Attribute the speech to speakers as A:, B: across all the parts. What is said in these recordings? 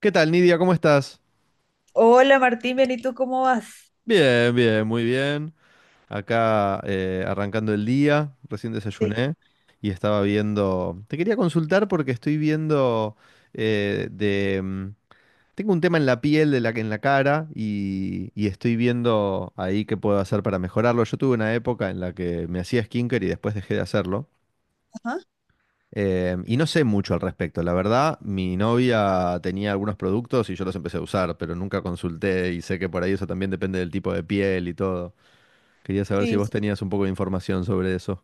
A: ¿Qué tal, Nidia? ¿Cómo estás?
B: Hola Martín, bien, ¿y tú cómo vas?
A: Bien, bien, muy bien. Acá arrancando el día, recién
B: Sí.
A: desayuné y estaba viendo. Te quería consultar porque estoy viendo. eh, de... mm, Tengo un tema en la piel, en la cara y estoy viendo ahí qué puedo hacer para mejorarlo. Yo tuve una época en la que me hacía skincare y después dejé de hacerlo.
B: Ajá,
A: Y no sé mucho al respecto. La verdad, mi novia tenía algunos productos y yo los empecé a usar, pero nunca consulté y sé que por ahí eso también depende del tipo de piel y todo. Quería saber si
B: sí,
A: vos
B: sí.
A: tenías un poco de información sobre eso.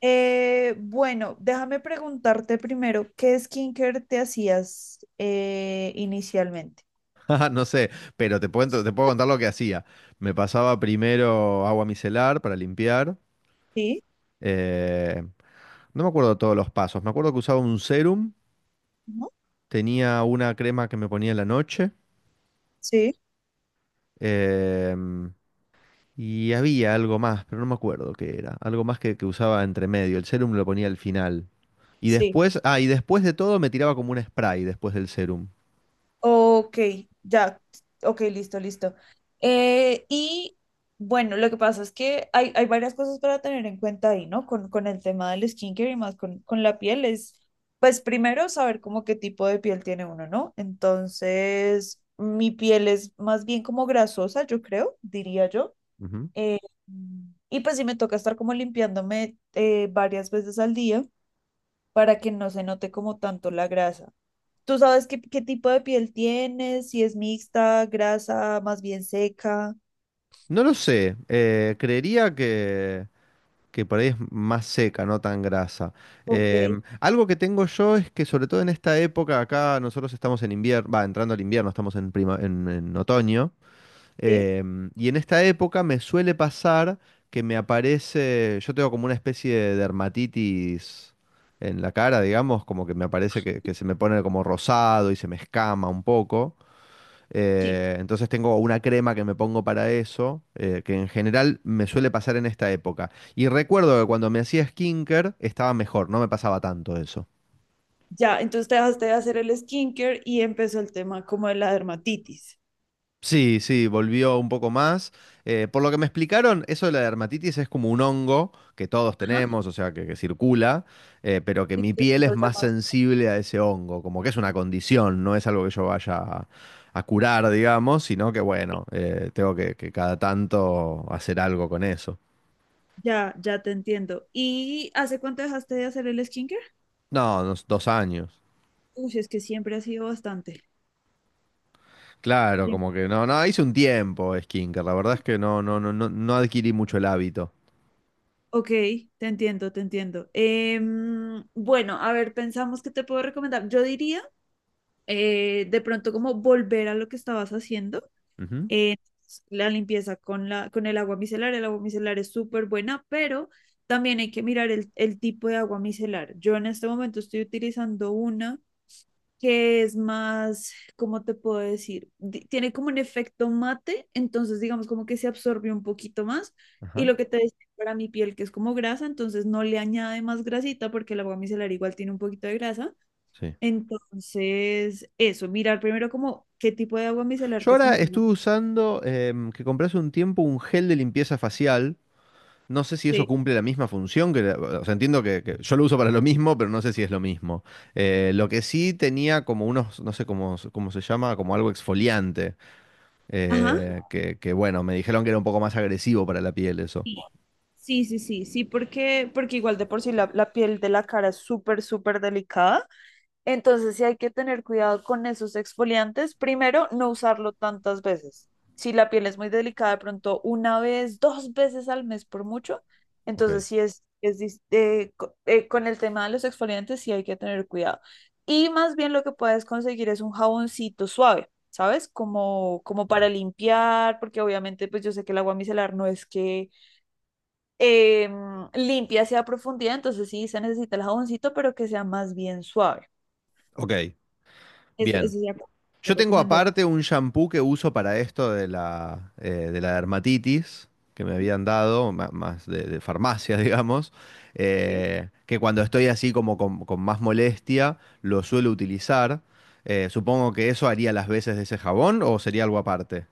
B: Bueno, déjame preguntarte primero, ¿qué skincare te hacías inicialmente?
A: Ajá, no sé, pero te puedo contar lo que hacía. Me pasaba primero agua micelar para limpiar.
B: Sí,
A: eh, no me acuerdo todos los pasos. Me acuerdo que usaba un serum,
B: ujú,
A: tenía una crema que me ponía en la noche.
B: sí,
A: em, Y había algo más, pero no me acuerdo qué era. Algo más que usaba entre medio. El serum lo ponía al final. Y
B: sí.
A: después, ah, y después de todo me tiraba como un spray después del serum.
B: Ok, ya, ok, listo, listo. Eh, y bueno, lo que pasa es que hay varias cosas para tener en cuenta ahí, ¿no? Con el tema del skincare y más con la piel es, pues primero saber como qué tipo de piel tiene uno, ¿no? Entonces, mi piel es más bien como grasosa, yo creo, diría yo.
A: Ujú.
B: Eh, y pues sí me toca estar como limpiándome varias veces al día para que no se note como tanto la grasa. ¿Tú sabes qué tipo de piel tienes? Si es mixta, grasa, más bien seca.
A: No lo sé. Creería que por ahí es más seca, no tan grasa.
B: Ok,
A: Algo que tengo yo es que sobre todo en esta época acá nosotros estamos en invierno, va, entrando al invierno, estamos en otoño.
B: sí,
A: Y en esta época me suele pasar yo tengo como una especie de dermatitis en la cara, digamos, como que me aparece que se me pone como rosado y se me escama un poco.
B: sí.
A: Entonces tengo una crema que me pongo para eso, que en general me suele pasar en esta época. Y recuerdo que cuando me hacía skincare estaba mejor, no me pasaba tanto eso.
B: Ya, entonces te dejaste de hacer el skincare y empezó el tema como de la dermatitis.
A: Sí, sí, volvió un poco más. Por lo que me explicaron, eso de la dermatitis es como un hongo que todos
B: Ajá,
A: tenemos, o sea, que circula, pero que mi piel
B: exacto,
A: es
B: lo
A: más
B: llamas.
A: sensible a ese hongo, como que es una condición, no es algo que yo vaya a curar, digamos, sino que bueno, tengo que cada tanto hacer algo con eso.
B: Ya, ya te entiendo. ¿Y hace cuánto dejaste de hacer el skincare?
A: No, unos 2 años.
B: Uy, es que siempre ha sido bastante.
A: Claro,
B: Bien.
A: como que no, no, hice un tiempo skincare, la verdad es que no, no, no, no, no adquirí mucho el hábito.
B: Ok, te entiendo, te entiendo. Bueno, a ver, pensamos que te puedo recomendar. Yo diría de pronto como volver a lo que estabas haciendo.
A: Ujú,
B: Eh, la limpieza con la, con el agua micelar. El agua micelar es súper buena, pero también hay que mirar el tipo de agua micelar. Yo en este momento estoy utilizando una que es más, ¿cómo te puedo decir? Tiene como un efecto mate, entonces digamos como que se absorbe un poquito más. Y
A: Ajá,
B: lo que te decía para mi piel, que es como grasa, entonces no le añade más grasita porque el agua micelar igual tiene un poquito de grasa.
A: sí.
B: Entonces, eso, mirar primero como qué tipo de agua micelar
A: Yo
B: te
A: ahora
B: funciona.
A: estuve usando que compré hace un tiempo un gel de limpieza facial. No sé si eso
B: Sí.
A: cumple la misma función, que o sea, entiendo que yo lo uso para lo mismo, pero no sé si es lo mismo. Lo que sí tenía como unos, no sé cómo, cómo se llama, como algo exfoliante,
B: Ajá.
A: que bueno, me dijeron que era un poco más agresivo para la piel eso.
B: Sí, sí, porque, porque igual de por sí la piel de la cara es súper, súper delicada. Entonces sí hay que tener cuidado con esos exfoliantes. Primero, no usarlo tantas veces. Si la piel es muy delicada, de pronto una vez, dos veces al mes por mucho.
A: Ok.
B: Entonces sí es, con el tema de los exfoliantes sí hay que tener cuidado. Y más bien lo que puedes conseguir es un jaboncito suave. ¿Sabes? Como, como para limpiar, porque obviamente pues yo sé que el agua micelar no es que eh, limpia sea profundidad, entonces sí se necesita el jaboncito, pero que sea más bien suave.
A: Ok,
B: Eso,
A: bien.
B: eso sería como tu
A: Yo tengo
B: recomendación.
A: aparte un shampoo que uso para esto de la dermatitis que me habían dado, más de farmacia, digamos,
B: Sí.
A: que cuando estoy así como con más molestia lo suelo utilizar. Supongo que eso haría las veces de ese jabón o sería algo aparte.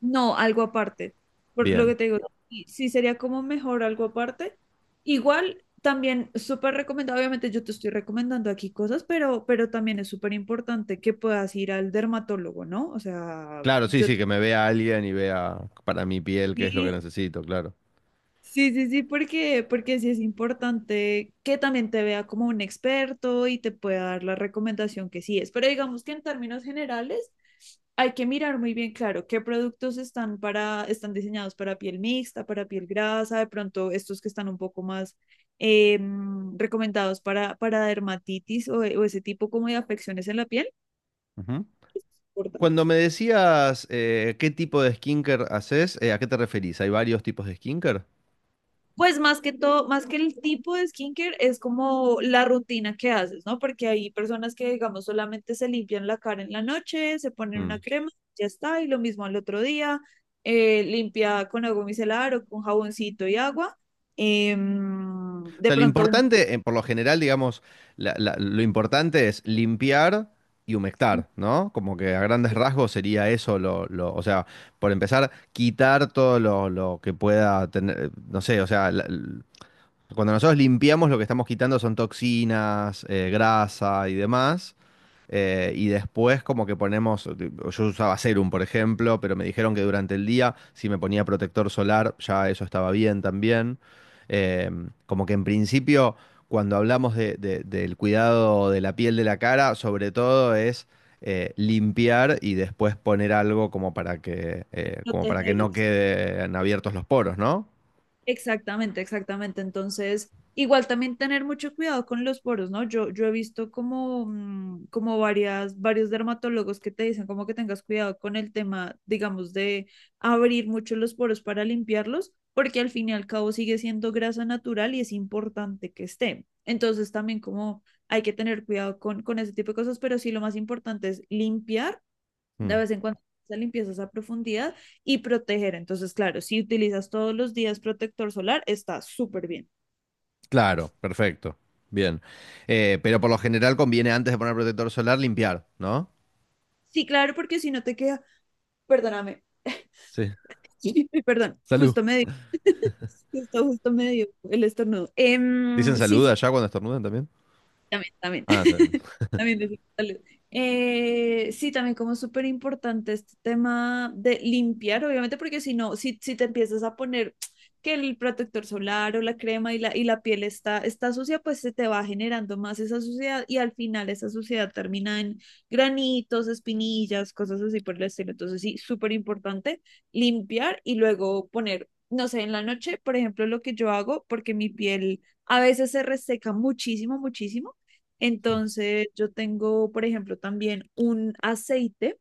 B: No, algo aparte. Por lo
A: Bien.
B: que te digo, sí, sí sería como mejor algo aparte. Igual, también súper recomendado, obviamente yo te estoy recomendando aquí cosas, pero también es súper importante que puedas ir al dermatólogo, ¿no? O sea,
A: Claro, sí,
B: yo...
A: sí, que me vea alguien y vea para mi piel qué es lo que
B: te-
A: necesito, claro.
B: Sí, sí, sí, porque, porque sí es importante que también te vea como un experto y te pueda dar la recomendación que sí es. Pero digamos que en términos generales hay que mirar muy bien, claro, qué productos están para, están diseñados para piel mixta, para piel grasa, de pronto estos que están un poco más eh, recomendados para dermatitis o ese tipo como de afecciones en la piel.
A: Ujú.
B: Importante.
A: Cuando me decías qué tipo de skinker haces, ¿a qué te referís? ¿Hay varios tipos de skinker?
B: Pues más que todo, más que el tipo de skincare, es como la rutina que haces, ¿no? Porque hay personas que, digamos, solamente se limpian la cara en la noche, se ponen una crema, ya está, y lo mismo al otro día, limpia con agua micelar o con jaboncito y agua.
A: O
B: De
A: sea, lo
B: pronto, un
A: importante, por lo general, digamos, lo importante es limpiar y humectar, ¿no? Como que a grandes rasgos sería eso, o sea, por empezar, quitar todo lo que pueda tener, no sé, o sea, cuando nosotros limpiamos, lo que estamos quitando son toxinas, grasa y demás. Y después como que ponemos, yo usaba serum, por ejemplo, pero me dijeron que durante el día, si me ponía protector solar, ya eso estaba bien también. Eh, como que en principio, cuando hablamos del cuidado de la piel de la cara, sobre todo es limpiar y después poner algo como para que
B: proteger.
A: no queden abiertos los poros, ¿no?
B: Exactamente, exactamente. Entonces, igual también tener mucho cuidado con los poros, ¿no? Yo he visto como, como varias, varios dermatólogos que te dicen como que tengas cuidado con el tema, digamos, de abrir mucho los poros para limpiarlos, porque al fin y al cabo sigue siendo grasa natural y es importante que esté. Entonces, también como hay que tener cuidado con ese tipo de cosas, pero sí lo más importante es limpiar de
A: Mm.
B: vez en cuando esa limpieza, esa profundidad y proteger. Entonces, claro, si utilizas todos los días protector solar, está súper bien.
A: Claro, perfecto. Bien. Pero por lo general conviene antes de poner protector solar limpiar, ¿no?
B: Sí, claro, porque si no te queda, perdóname,
A: Sí.
B: perdón,
A: Salud.
B: justo me dio, justo, justo me dio el estornudo.
A: ¿Dicen
B: Sí,
A: salud
B: sí, sí,
A: allá cuando estornudan también?
B: también, también.
A: Ah,
B: También de salud. Sí, también como súper importante este tema de limpiar, obviamente, porque si no, si, si te empiezas a poner que el protector solar o la crema y la piel está, está sucia, pues se te va generando más esa suciedad y al final esa suciedad termina en granitos, espinillas, cosas así por el estilo. Entonces, sí, súper importante limpiar y luego poner, no sé, en la noche, por ejemplo, lo que yo hago, porque mi piel a veces se reseca muchísimo, muchísimo. Entonces, yo tengo, por ejemplo, también un aceite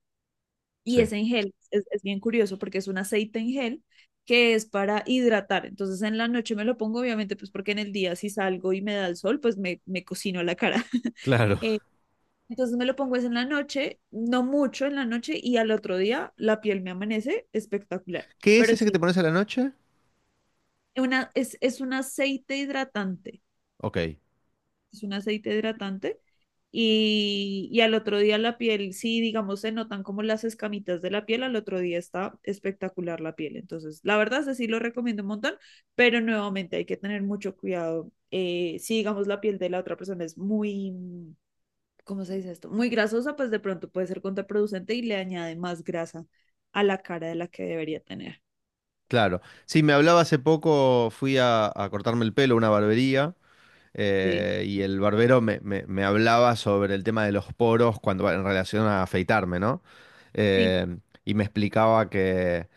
B: y
A: sí.
B: es en gel. Es bien curioso porque es un aceite en gel que es para hidratar. Entonces, en la noche me lo pongo, obviamente, pues porque en el día si salgo y me da el sol, pues me cocino la cara.
A: Claro.
B: Eh, entonces me lo pongo es en la noche, no mucho en la noche y al otro día la piel me amanece espectacular.
A: ¿Qué es
B: Pero
A: ese que te
B: sí,
A: pones a la noche?
B: una, es un aceite hidratante.
A: Ok,
B: Es un aceite hidratante. Al otro día la piel, sí, digamos, se notan como las escamitas de la piel, al otro día está espectacular la piel. Entonces, la verdad, sí lo recomiendo un montón, pero nuevamente hay que tener mucho cuidado. Si, digamos, la piel de la otra persona es muy, ¿cómo se dice esto? Muy grasosa, pues de pronto puede ser contraproducente y le añade más grasa a la cara de la que debería tener.
A: claro. Sí, me hablaba hace poco, fui a cortarme el pelo a una barbería
B: Sí,
A: y el barbero me hablaba sobre el tema de los poros cuando en relación a afeitarme, ¿no?
B: sí,
A: Eh, y me explicaba que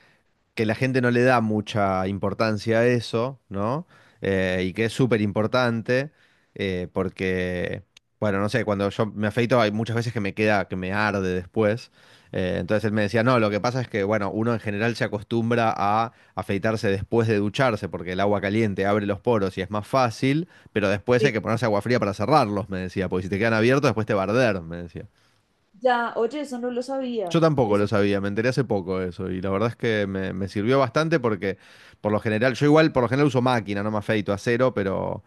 A: que la gente no le da mucha importancia a eso, ¿no? Y que es súper importante, porque, bueno, no sé, cuando yo me afeito hay muchas veces que me arde después. Entonces él me decía, no, lo que pasa es que, bueno, uno en general se acostumbra a afeitarse después de ducharse, porque el agua caliente abre los poros y es más fácil, pero después hay
B: sí.
A: que ponerse agua fría para cerrarlos, me decía, porque si te quedan abiertos después te va a arder, me decía.
B: Ya, oye, eso no lo
A: Yo
B: sabía.
A: tampoco lo
B: Eso,
A: sabía, me enteré hace poco de eso y la verdad es que me sirvió bastante porque por lo general, yo igual por lo general uso máquina, no me afeito a cero, pero,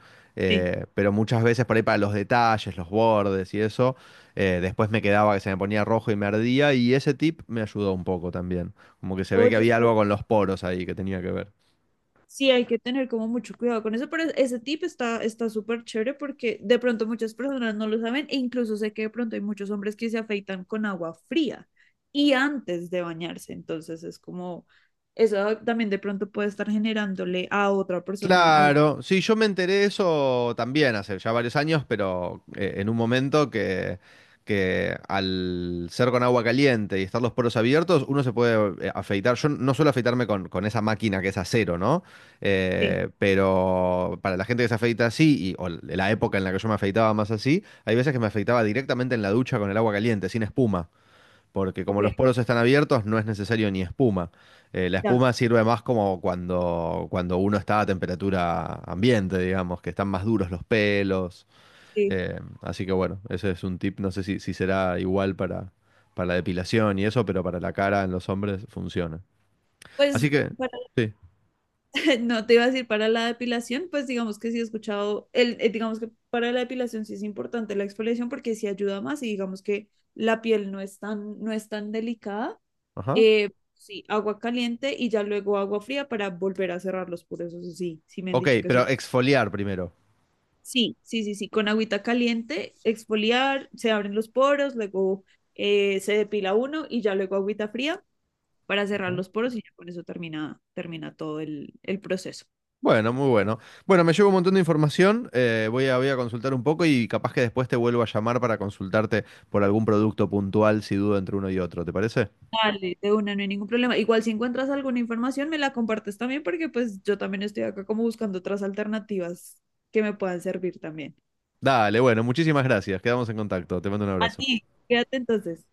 B: sí.
A: eh, pero muchas veces por ahí para los detalles, los bordes y eso, después me quedaba que se me ponía rojo y me ardía y ese tip me ayudó un poco también, como que se ve que
B: Oye,
A: había algo
B: eso
A: con los poros ahí que tenía que ver.
B: sí, hay que tener como mucho cuidado con eso, pero ese tip está está súper chévere porque de pronto muchas personas no lo saben e incluso sé que de pronto hay muchos hombres que se afeitan con agua fría y antes de bañarse, entonces es como eso también de pronto puede estar generándole a otra persona algo.
A: Claro, sí, yo me enteré de eso también hace ya varios años, pero en un momento que, al ser con agua caliente y estar los poros abiertos, uno se puede afeitar. Yo no suelo afeitarme con esa máquina que es acero, ¿no?
B: Sí,
A: Pero para la gente que se afeita así, o la época en la que yo me afeitaba más así, hay veces que me afeitaba directamente en la ducha con el agua caliente, sin espuma porque como
B: ok,
A: los poros están abiertos, no es necesario ni espuma. La
B: ya,
A: espuma sirve más como cuando uno está a temperatura ambiente, digamos, que están más duros los pelos.
B: sí.
A: Así que bueno, ese es un tip. No sé si será igual para la depilación y eso, pero para la cara en los hombres funciona. Así
B: Pues
A: que, sí.
B: no te iba a decir para la depilación, pues digamos que sí he escuchado, digamos que para la depilación sí es importante la exfoliación porque sí ayuda más y digamos que la piel no es tan, no es tan delicada.
A: Ajá.
B: Sí, agua caliente y ya luego agua fría para volver a cerrar los poros, eso sí, sí me han
A: Ok,
B: dicho que
A: pero
B: eso.
A: exfoliar primero.
B: Sí, sí, sí, sí, con agüita caliente, exfoliar, se abren los poros, luego se depila uno y ya luego agüita fría para cerrar
A: Ajá.
B: los poros y ya con eso termina, termina todo el proceso.
A: Bueno, muy bueno. Bueno, me llevo un montón de información, voy a consultar un poco y capaz que después te vuelvo a llamar para consultarte por algún producto puntual si dudo entre uno y otro, ¿te parece?
B: Dale, de una, no hay ningún problema. Igual si encuentras alguna información, me la compartes también porque pues yo también estoy acá como buscando otras alternativas que me puedan servir también.
A: Dale, bueno, muchísimas gracias, quedamos en contacto, te mando un
B: A
A: abrazo.
B: ti, quédate entonces.